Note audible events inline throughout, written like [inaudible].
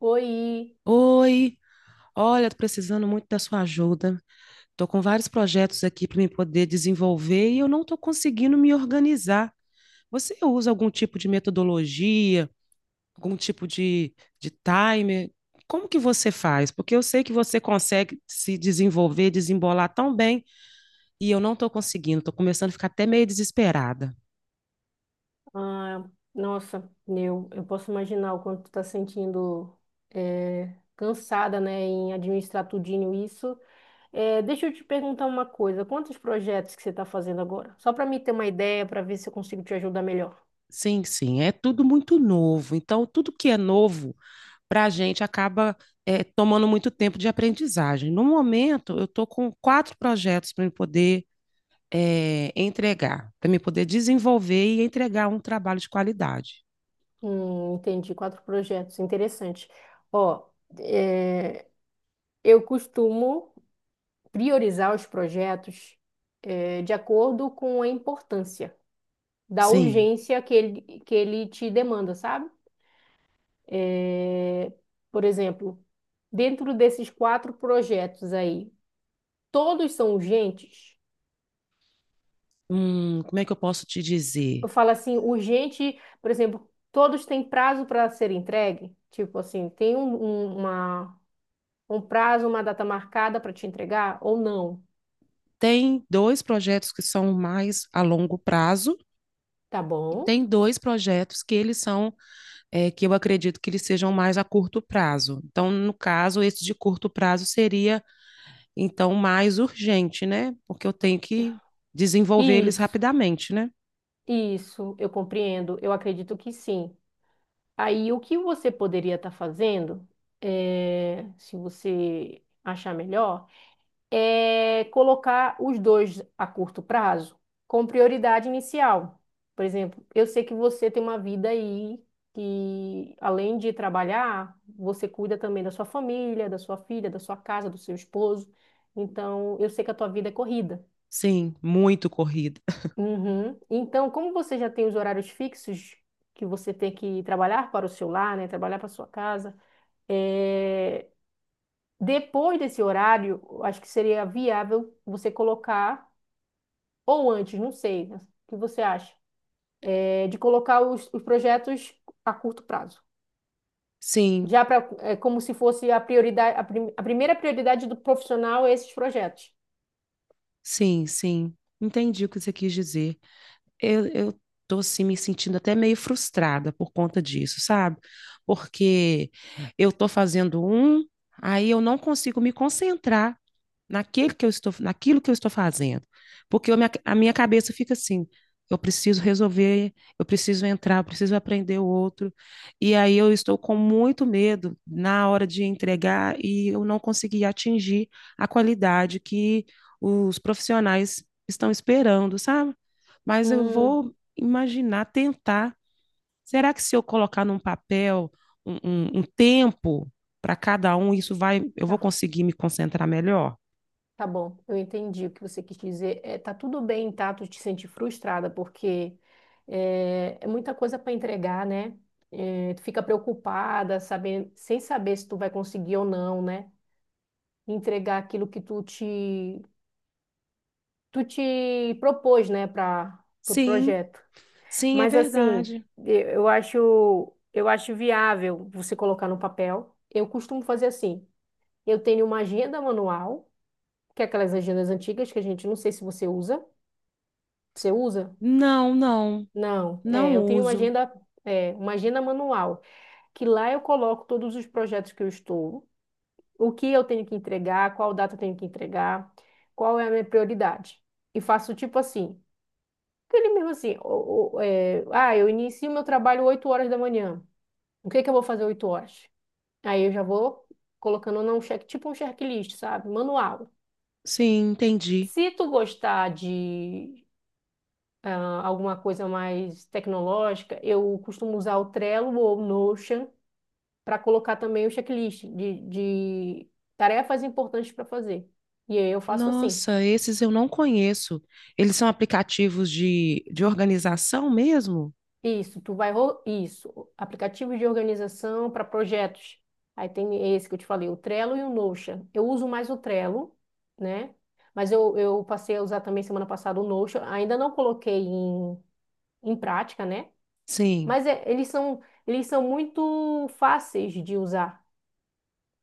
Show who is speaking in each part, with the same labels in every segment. Speaker 1: Oi,
Speaker 2: Oi, olha, tô precisando muito da sua ajuda. Tô com vários projetos aqui para me poder desenvolver e eu não tô conseguindo me organizar. Você usa algum tipo de metodologia, algum tipo de timer? Como que você faz? Porque eu sei que você consegue se desenvolver, desembolar tão bem e eu não tô conseguindo. Tô começando a ficar até meio desesperada.
Speaker 1: ah, nossa, eu posso imaginar o quanto tu tá sentindo cansada, né, em administrar tudinho isso. Deixa eu te perguntar uma coisa, quantos projetos que você está fazendo agora? Só para mim ter uma ideia, para ver se eu consigo te ajudar melhor.
Speaker 2: Sim, sim, é tudo muito novo. Então, tudo que é novo para a gente acaba tomando muito tempo de aprendizagem. No momento, eu estou com quatro projetos para me poder entregar, para me poder desenvolver e entregar um trabalho de qualidade.
Speaker 1: Entendi, quatro projetos, interessante. Ó, eh, eu costumo priorizar os projetos de acordo com a importância da
Speaker 2: Sim,
Speaker 1: urgência que ele te demanda, sabe? É, por exemplo, dentro desses quatro projetos aí, todos são urgentes?
Speaker 2: como é que eu posso te dizer?
Speaker 1: Eu falo assim, urgente, por exemplo, todos têm prazo para ser entregue? Tipo assim, tem um prazo, uma data marcada para te entregar ou não?
Speaker 2: Tem dois projetos que são mais a longo prazo
Speaker 1: Tá
Speaker 2: e
Speaker 1: bom?
Speaker 2: tem dois projetos que eles são, que eu acredito que eles sejam mais a curto prazo. Então, no caso, esse de curto prazo seria. Então, mais urgente, né? Porque eu tenho que desenvolver eles
Speaker 1: Isso,
Speaker 2: rapidamente, né?
Speaker 1: isso, eu compreendo, eu acredito que sim. Aí, o que você poderia estar fazendo, se você achar melhor? É, colocar os dois a curto prazo com prioridade inicial. Por exemplo, eu sei que você tem uma vida aí que, além de trabalhar, você cuida também da sua família, da sua filha, da sua casa, do seu esposo. Então, eu sei que a tua vida é corrida.
Speaker 2: Sim, muito corrida. [laughs]
Speaker 1: Uhum. Então, como você já tem os horários fixos que você tem que trabalhar para o seu lar, né, trabalhar para a sua casa, é, depois desse horário, eu acho que seria viável você colocar ou antes, não sei, né? O que você acha, de colocar os projetos a curto prazo.
Speaker 2: Sim,
Speaker 1: Já pra, é como se fosse a prioridade, a primeira prioridade do profissional é esses projetos.
Speaker 2: sim, sim. Entendi o que você quis dizer. Eu tô assim me sentindo até meio frustrada por conta disso, sabe? Porque eu tô fazendo um, aí eu não consigo me concentrar naquele que eu estou, naquilo que eu estou fazendo. Porque eu, a minha cabeça fica assim, eu preciso resolver, eu preciso entrar, eu preciso aprender o outro. E aí eu estou com muito medo na hora de entregar e eu não consegui atingir a qualidade que os profissionais estão esperando, sabe? Mas eu
Speaker 1: Hum,
Speaker 2: vou imaginar, tentar. Será que se eu colocar num papel um tempo para cada um, isso vai, eu vou
Speaker 1: tá,
Speaker 2: conseguir me concentrar melhor?
Speaker 1: tá bom, eu entendi o que você quis dizer. É, tá tudo bem, tá? Tu te sente frustrada, porque é muita coisa para entregar, né? É, tu fica preocupada, saber, sem saber se tu vai conseguir ou não, né? Entregar aquilo que tu te propôs, né, para o
Speaker 2: Sim,
Speaker 1: projeto.
Speaker 2: sim, é
Speaker 1: Mas assim,
Speaker 2: verdade.
Speaker 1: eu acho viável você colocar no papel. Eu costumo fazer assim. Eu tenho uma agenda manual, que é aquelas agendas antigas que a gente não sei se você usa. Você usa?
Speaker 2: Não, não,
Speaker 1: Não.
Speaker 2: não
Speaker 1: Eu tenho uma
Speaker 2: uso.
Speaker 1: agenda, uma agenda manual, que lá eu coloco todos os projetos que eu estou, o que eu tenho que entregar, qual data eu tenho que entregar, qual é a minha prioridade. E faço tipo assim, ele mesmo assim, eu inicio meu trabalho 8 horas da manhã. O que é que eu vou fazer 8 horas? Aí eu já vou colocando num check, tipo um checklist, sabe? Manual.
Speaker 2: Sim, entendi.
Speaker 1: Se tu gostar de alguma coisa mais tecnológica, eu costumo usar o Trello ou o Notion para colocar também o checklist de tarefas importantes para fazer. E aí eu faço assim.
Speaker 2: Nossa, esses eu não conheço. Eles são aplicativos de organização mesmo?
Speaker 1: Isso, tu vai. Isso, aplicativo de organização para projetos. Aí tem esse que eu te falei, o Trello e o Notion. Eu uso mais o Trello, né? Mas eu passei a usar também semana passada o Notion. Ainda não coloquei em prática, né?
Speaker 2: Sim,
Speaker 1: Eles são muito fáceis de usar.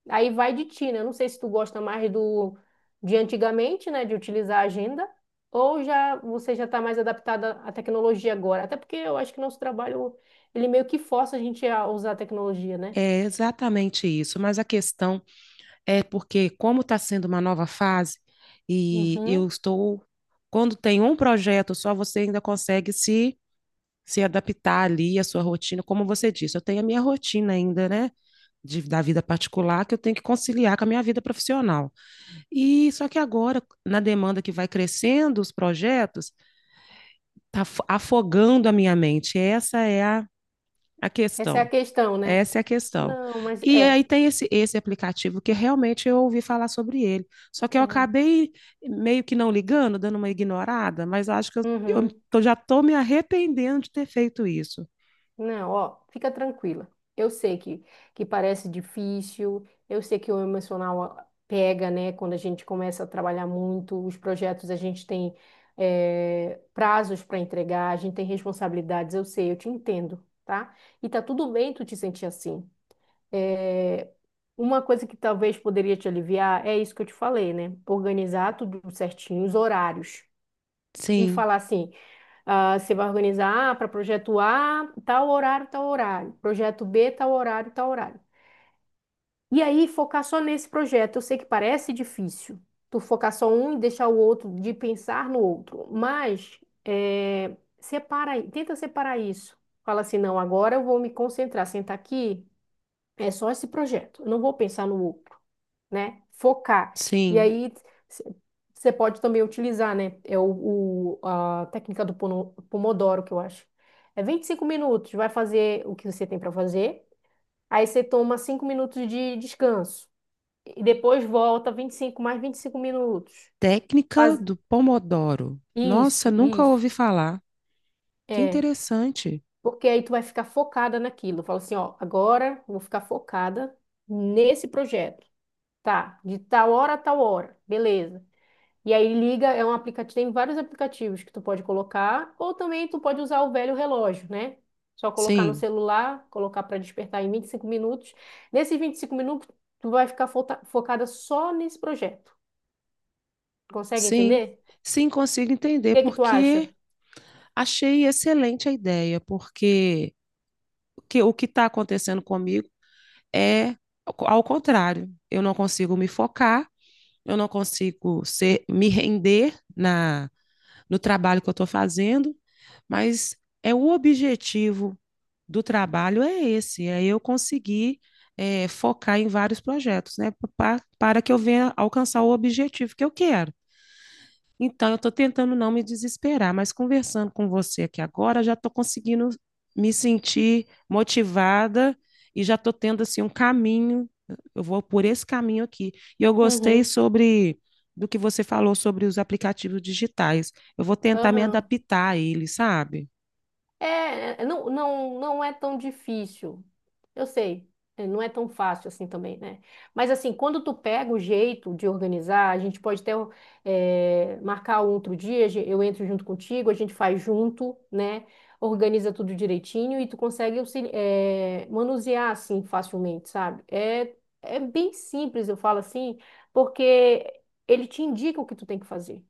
Speaker 1: Aí vai de ti, né? Eu não sei se tu gosta mais do de antigamente, né, de utilizar a agenda, ou já você já está mais adaptada à tecnologia agora. Até porque eu acho que nosso trabalho ele meio que força a gente a usar a tecnologia, né?
Speaker 2: é exatamente isso. Mas a questão é porque, como está sendo uma nova fase, e eu
Speaker 1: Uhum.
Speaker 2: estou. Quando tem um projeto só, você ainda consegue se, se adaptar ali à sua rotina. Como você disse, eu tenho a minha rotina ainda, né? De, da vida particular que eu tenho que conciliar com a minha vida profissional. E só que agora, na demanda que vai crescendo, os projetos, tá afogando a minha mente. Essa é a
Speaker 1: Essa é a
Speaker 2: questão.
Speaker 1: questão, né?
Speaker 2: Essa é a questão.
Speaker 1: Não, mas
Speaker 2: E
Speaker 1: é.
Speaker 2: aí tem esse aplicativo que realmente eu ouvi falar sobre ele. Só que eu
Speaker 1: É.
Speaker 2: acabei meio que não ligando, dando uma ignorada, mas acho que eu
Speaker 1: Uhum.
Speaker 2: tô, já estou me arrependendo de ter feito isso.
Speaker 1: Não, ó, fica tranquila. Eu sei que parece difícil, eu sei que o emocional pega, né? Quando a gente começa a trabalhar muito, os projetos a gente tem prazos para entregar, a gente tem responsabilidades, eu sei, eu te entendo, tá? E tá tudo bem tu te sentir assim. Eh, uma coisa que talvez poderia te aliviar é isso que eu te falei, né? Organizar tudo certinho, os horários. E
Speaker 2: Sim,
Speaker 1: falar assim. Ah, você vai organizar para projeto A, tal horário, tal horário. Projeto B, tal horário, tal horário. E aí, focar só nesse projeto. Eu sei que parece difícil, tu focar só um e deixar o outro, de pensar no outro. Mas, separa, aí, tenta separar isso. Fala assim, não, agora eu vou me concentrar, sentar aqui, é só esse projeto. Eu não vou pensar no outro, né? Focar. E
Speaker 2: sim.
Speaker 1: aí você pode também utilizar, né? É a técnica do Pomodoro, que eu acho. É 25 minutos, vai fazer o que você tem para fazer. Aí você toma 5 minutos de descanso. E depois volta 25 mais 25 minutos.
Speaker 2: Técnica
Speaker 1: Faz
Speaker 2: do Pomodoro. Nossa,
Speaker 1: isso,
Speaker 2: nunca
Speaker 1: isso.
Speaker 2: ouvi falar. Que
Speaker 1: É.
Speaker 2: interessante.
Speaker 1: Porque aí tu vai ficar focada naquilo. Fala assim, ó, agora eu vou ficar focada nesse projeto. Tá, de tal hora a tal hora. Beleza. E aí liga, é um aplicativo, tem vários aplicativos que tu pode colocar, ou também tu pode usar o velho relógio, né? Só colocar no
Speaker 2: Sim,
Speaker 1: celular, colocar para despertar em 25 minutos. Nesses 25 minutos, tu vai ficar focada só nesse projeto. Consegue
Speaker 2: sim,
Speaker 1: entender?
Speaker 2: sim, consigo
Speaker 1: O
Speaker 2: entender,
Speaker 1: que que tu acha?
Speaker 2: porque achei excelente a ideia, porque o que está acontecendo comigo é ao ao contrário. Eu não consigo me focar, eu não consigo ser, me render na, no trabalho que eu estou fazendo, mas é o objetivo do trabalho é esse, é eu conseguir focar em vários projetos, né, para que eu venha alcançar o objetivo que eu quero. Então, eu estou tentando não me desesperar, mas conversando com você aqui agora, já estou conseguindo me sentir motivada e já estou tendo assim um caminho. Eu vou por esse caminho aqui. E eu gostei
Speaker 1: Uhum,
Speaker 2: sobre do que você falou sobre os aplicativos digitais. Eu vou tentar me
Speaker 1: aham.
Speaker 2: adaptar a eles, sabe?
Speaker 1: É, é, não, não, não é tão difícil. Eu sei, não é tão fácil assim também, né? Mas assim, quando tu pega o jeito de organizar, a gente pode até marcar um outro dia, eu entro junto contigo, a gente faz junto, né? Organiza tudo direitinho e tu consegue manusear assim facilmente, sabe? É, é bem simples, eu falo assim, porque ele te indica o que tu tem que fazer.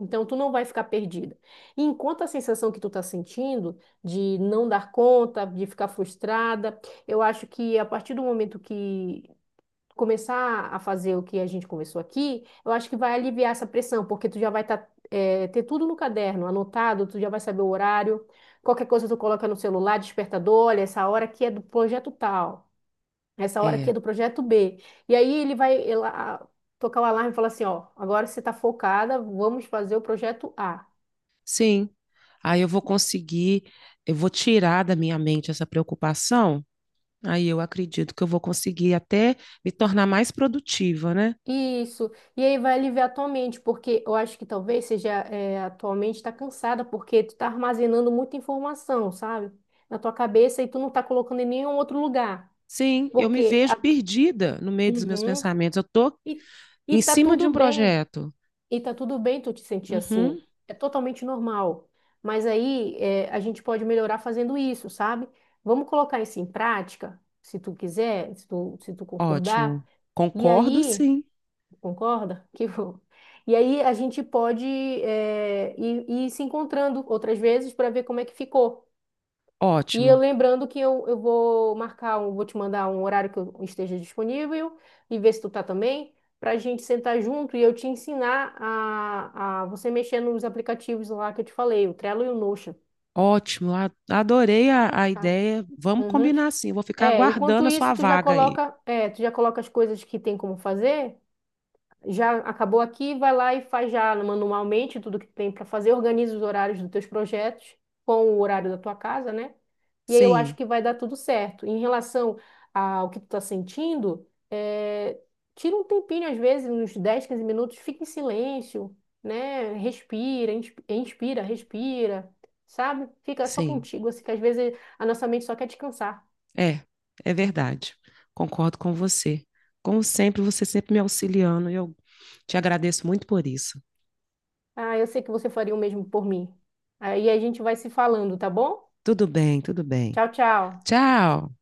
Speaker 1: Então, tu não vai ficar perdida. E enquanto a sensação que tu tá sentindo de não dar conta, de ficar frustrada, eu acho que a partir do momento que começar a fazer o que a gente conversou aqui, eu acho que vai aliviar essa pressão, porque tu já vai tá, ter tudo no caderno, anotado, tu já vai saber o horário, qualquer coisa tu coloca no celular, despertador, olha, essa hora aqui é do projeto tal. Essa hora aqui é
Speaker 2: É,
Speaker 1: do projeto B. E aí ele vai tocar o alarme e falar assim, ó, agora você está focada, vamos fazer o projeto A.
Speaker 2: Sim. Aí eu vou conseguir, eu vou tirar da minha mente essa preocupação. Aí eu acredito que eu vou conseguir até me tornar mais produtiva, né?
Speaker 1: Isso. E aí vai aliviar a tua mente, porque eu acho que talvez seja a tua mente está cansada, porque tu está armazenando muita informação, sabe? Na tua cabeça e tu não está colocando em nenhum outro lugar.
Speaker 2: Sim, eu me
Speaker 1: Porque
Speaker 2: vejo
Speaker 1: a-
Speaker 2: perdida no meio dos meus
Speaker 1: Uhum.
Speaker 2: pensamentos. Eu tô
Speaker 1: E, e
Speaker 2: em
Speaker 1: tá
Speaker 2: cima de um
Speaker 1: tudo bem.
Speaker 2: projeto.
Speaker 1: E tá tudo bem tu te sentir assim.
Speaker 2: Uhum,
Speaker 1: É totalmente normal. Mas aí a gente pode melhorar fazendo isso, sabe? Vamos colocar isso em prática, se tu quiser, se tu concordar.
Speaker 2: ótimo.
Speaker 1: E
Speaker 2: Concordo,
Speaker 1: aí,
Speaker 2: sim.
Speaker 1: concorda? [laughs] Que bom. E aí a gente pode ir se encontrando outras vezes para ver como é que ficou. E eu
Speaker 2: Ótimo.
Speaker 1: lembrando que eu vou vou te mandar um horário que eu esteja disponível e ver se tu tá também, para a gente sentar junto e eu te ensinar a você mexer nos aplicativos lá que eu te falei, o Trello e o Notion.
Speaker 2: Ótimo. A- Adorei a
Speaker 1: Tá.
Speaker 2: ideia. Vamos
Speaker 1: Uhum.
Speaker 2: combinar sim. Eu Vou ficar
Speaker 1: É, enquanto
Speaker 2: aguardando a sua
Speaker 1: isso, tu já
Speaker 2: vaga aí.
Speaker 1: coloca, é, tu já coloca as coisas que tem como fazer já acabou aqui, vai lá e faz já manualmente tudo que tem para fazer, organiza os horários dos teus projetos com o horário da tua casa, né? E aí eu acho
Speaker 2: Sim,
Speaker 1: que vai dar tudo certo. Em relação ao que tu tá sentindo, tira um tempinho, às vezes, uns 10 15 minutos, fica em silêncio, né? Respira, inspira, respira, sabe? Fica só
Speaker 2: sim.
Speaker 1: contigo, assim, que às vezes a nossa mente só quer descansar.
Speaker 2: É, é verdade. Concordo com você. Como sempre, você sempre me auxiliando e eu te agradeço muito por isso.
Speaker 1: Ah, eu sei que você faria o mesmo por mim. Aí a gente vai se falando, tá bom?
Speaker 2: Tudo bem, tudo bem.
Speaker 1: Tchau, tchau.
Speaker 2: Tchau.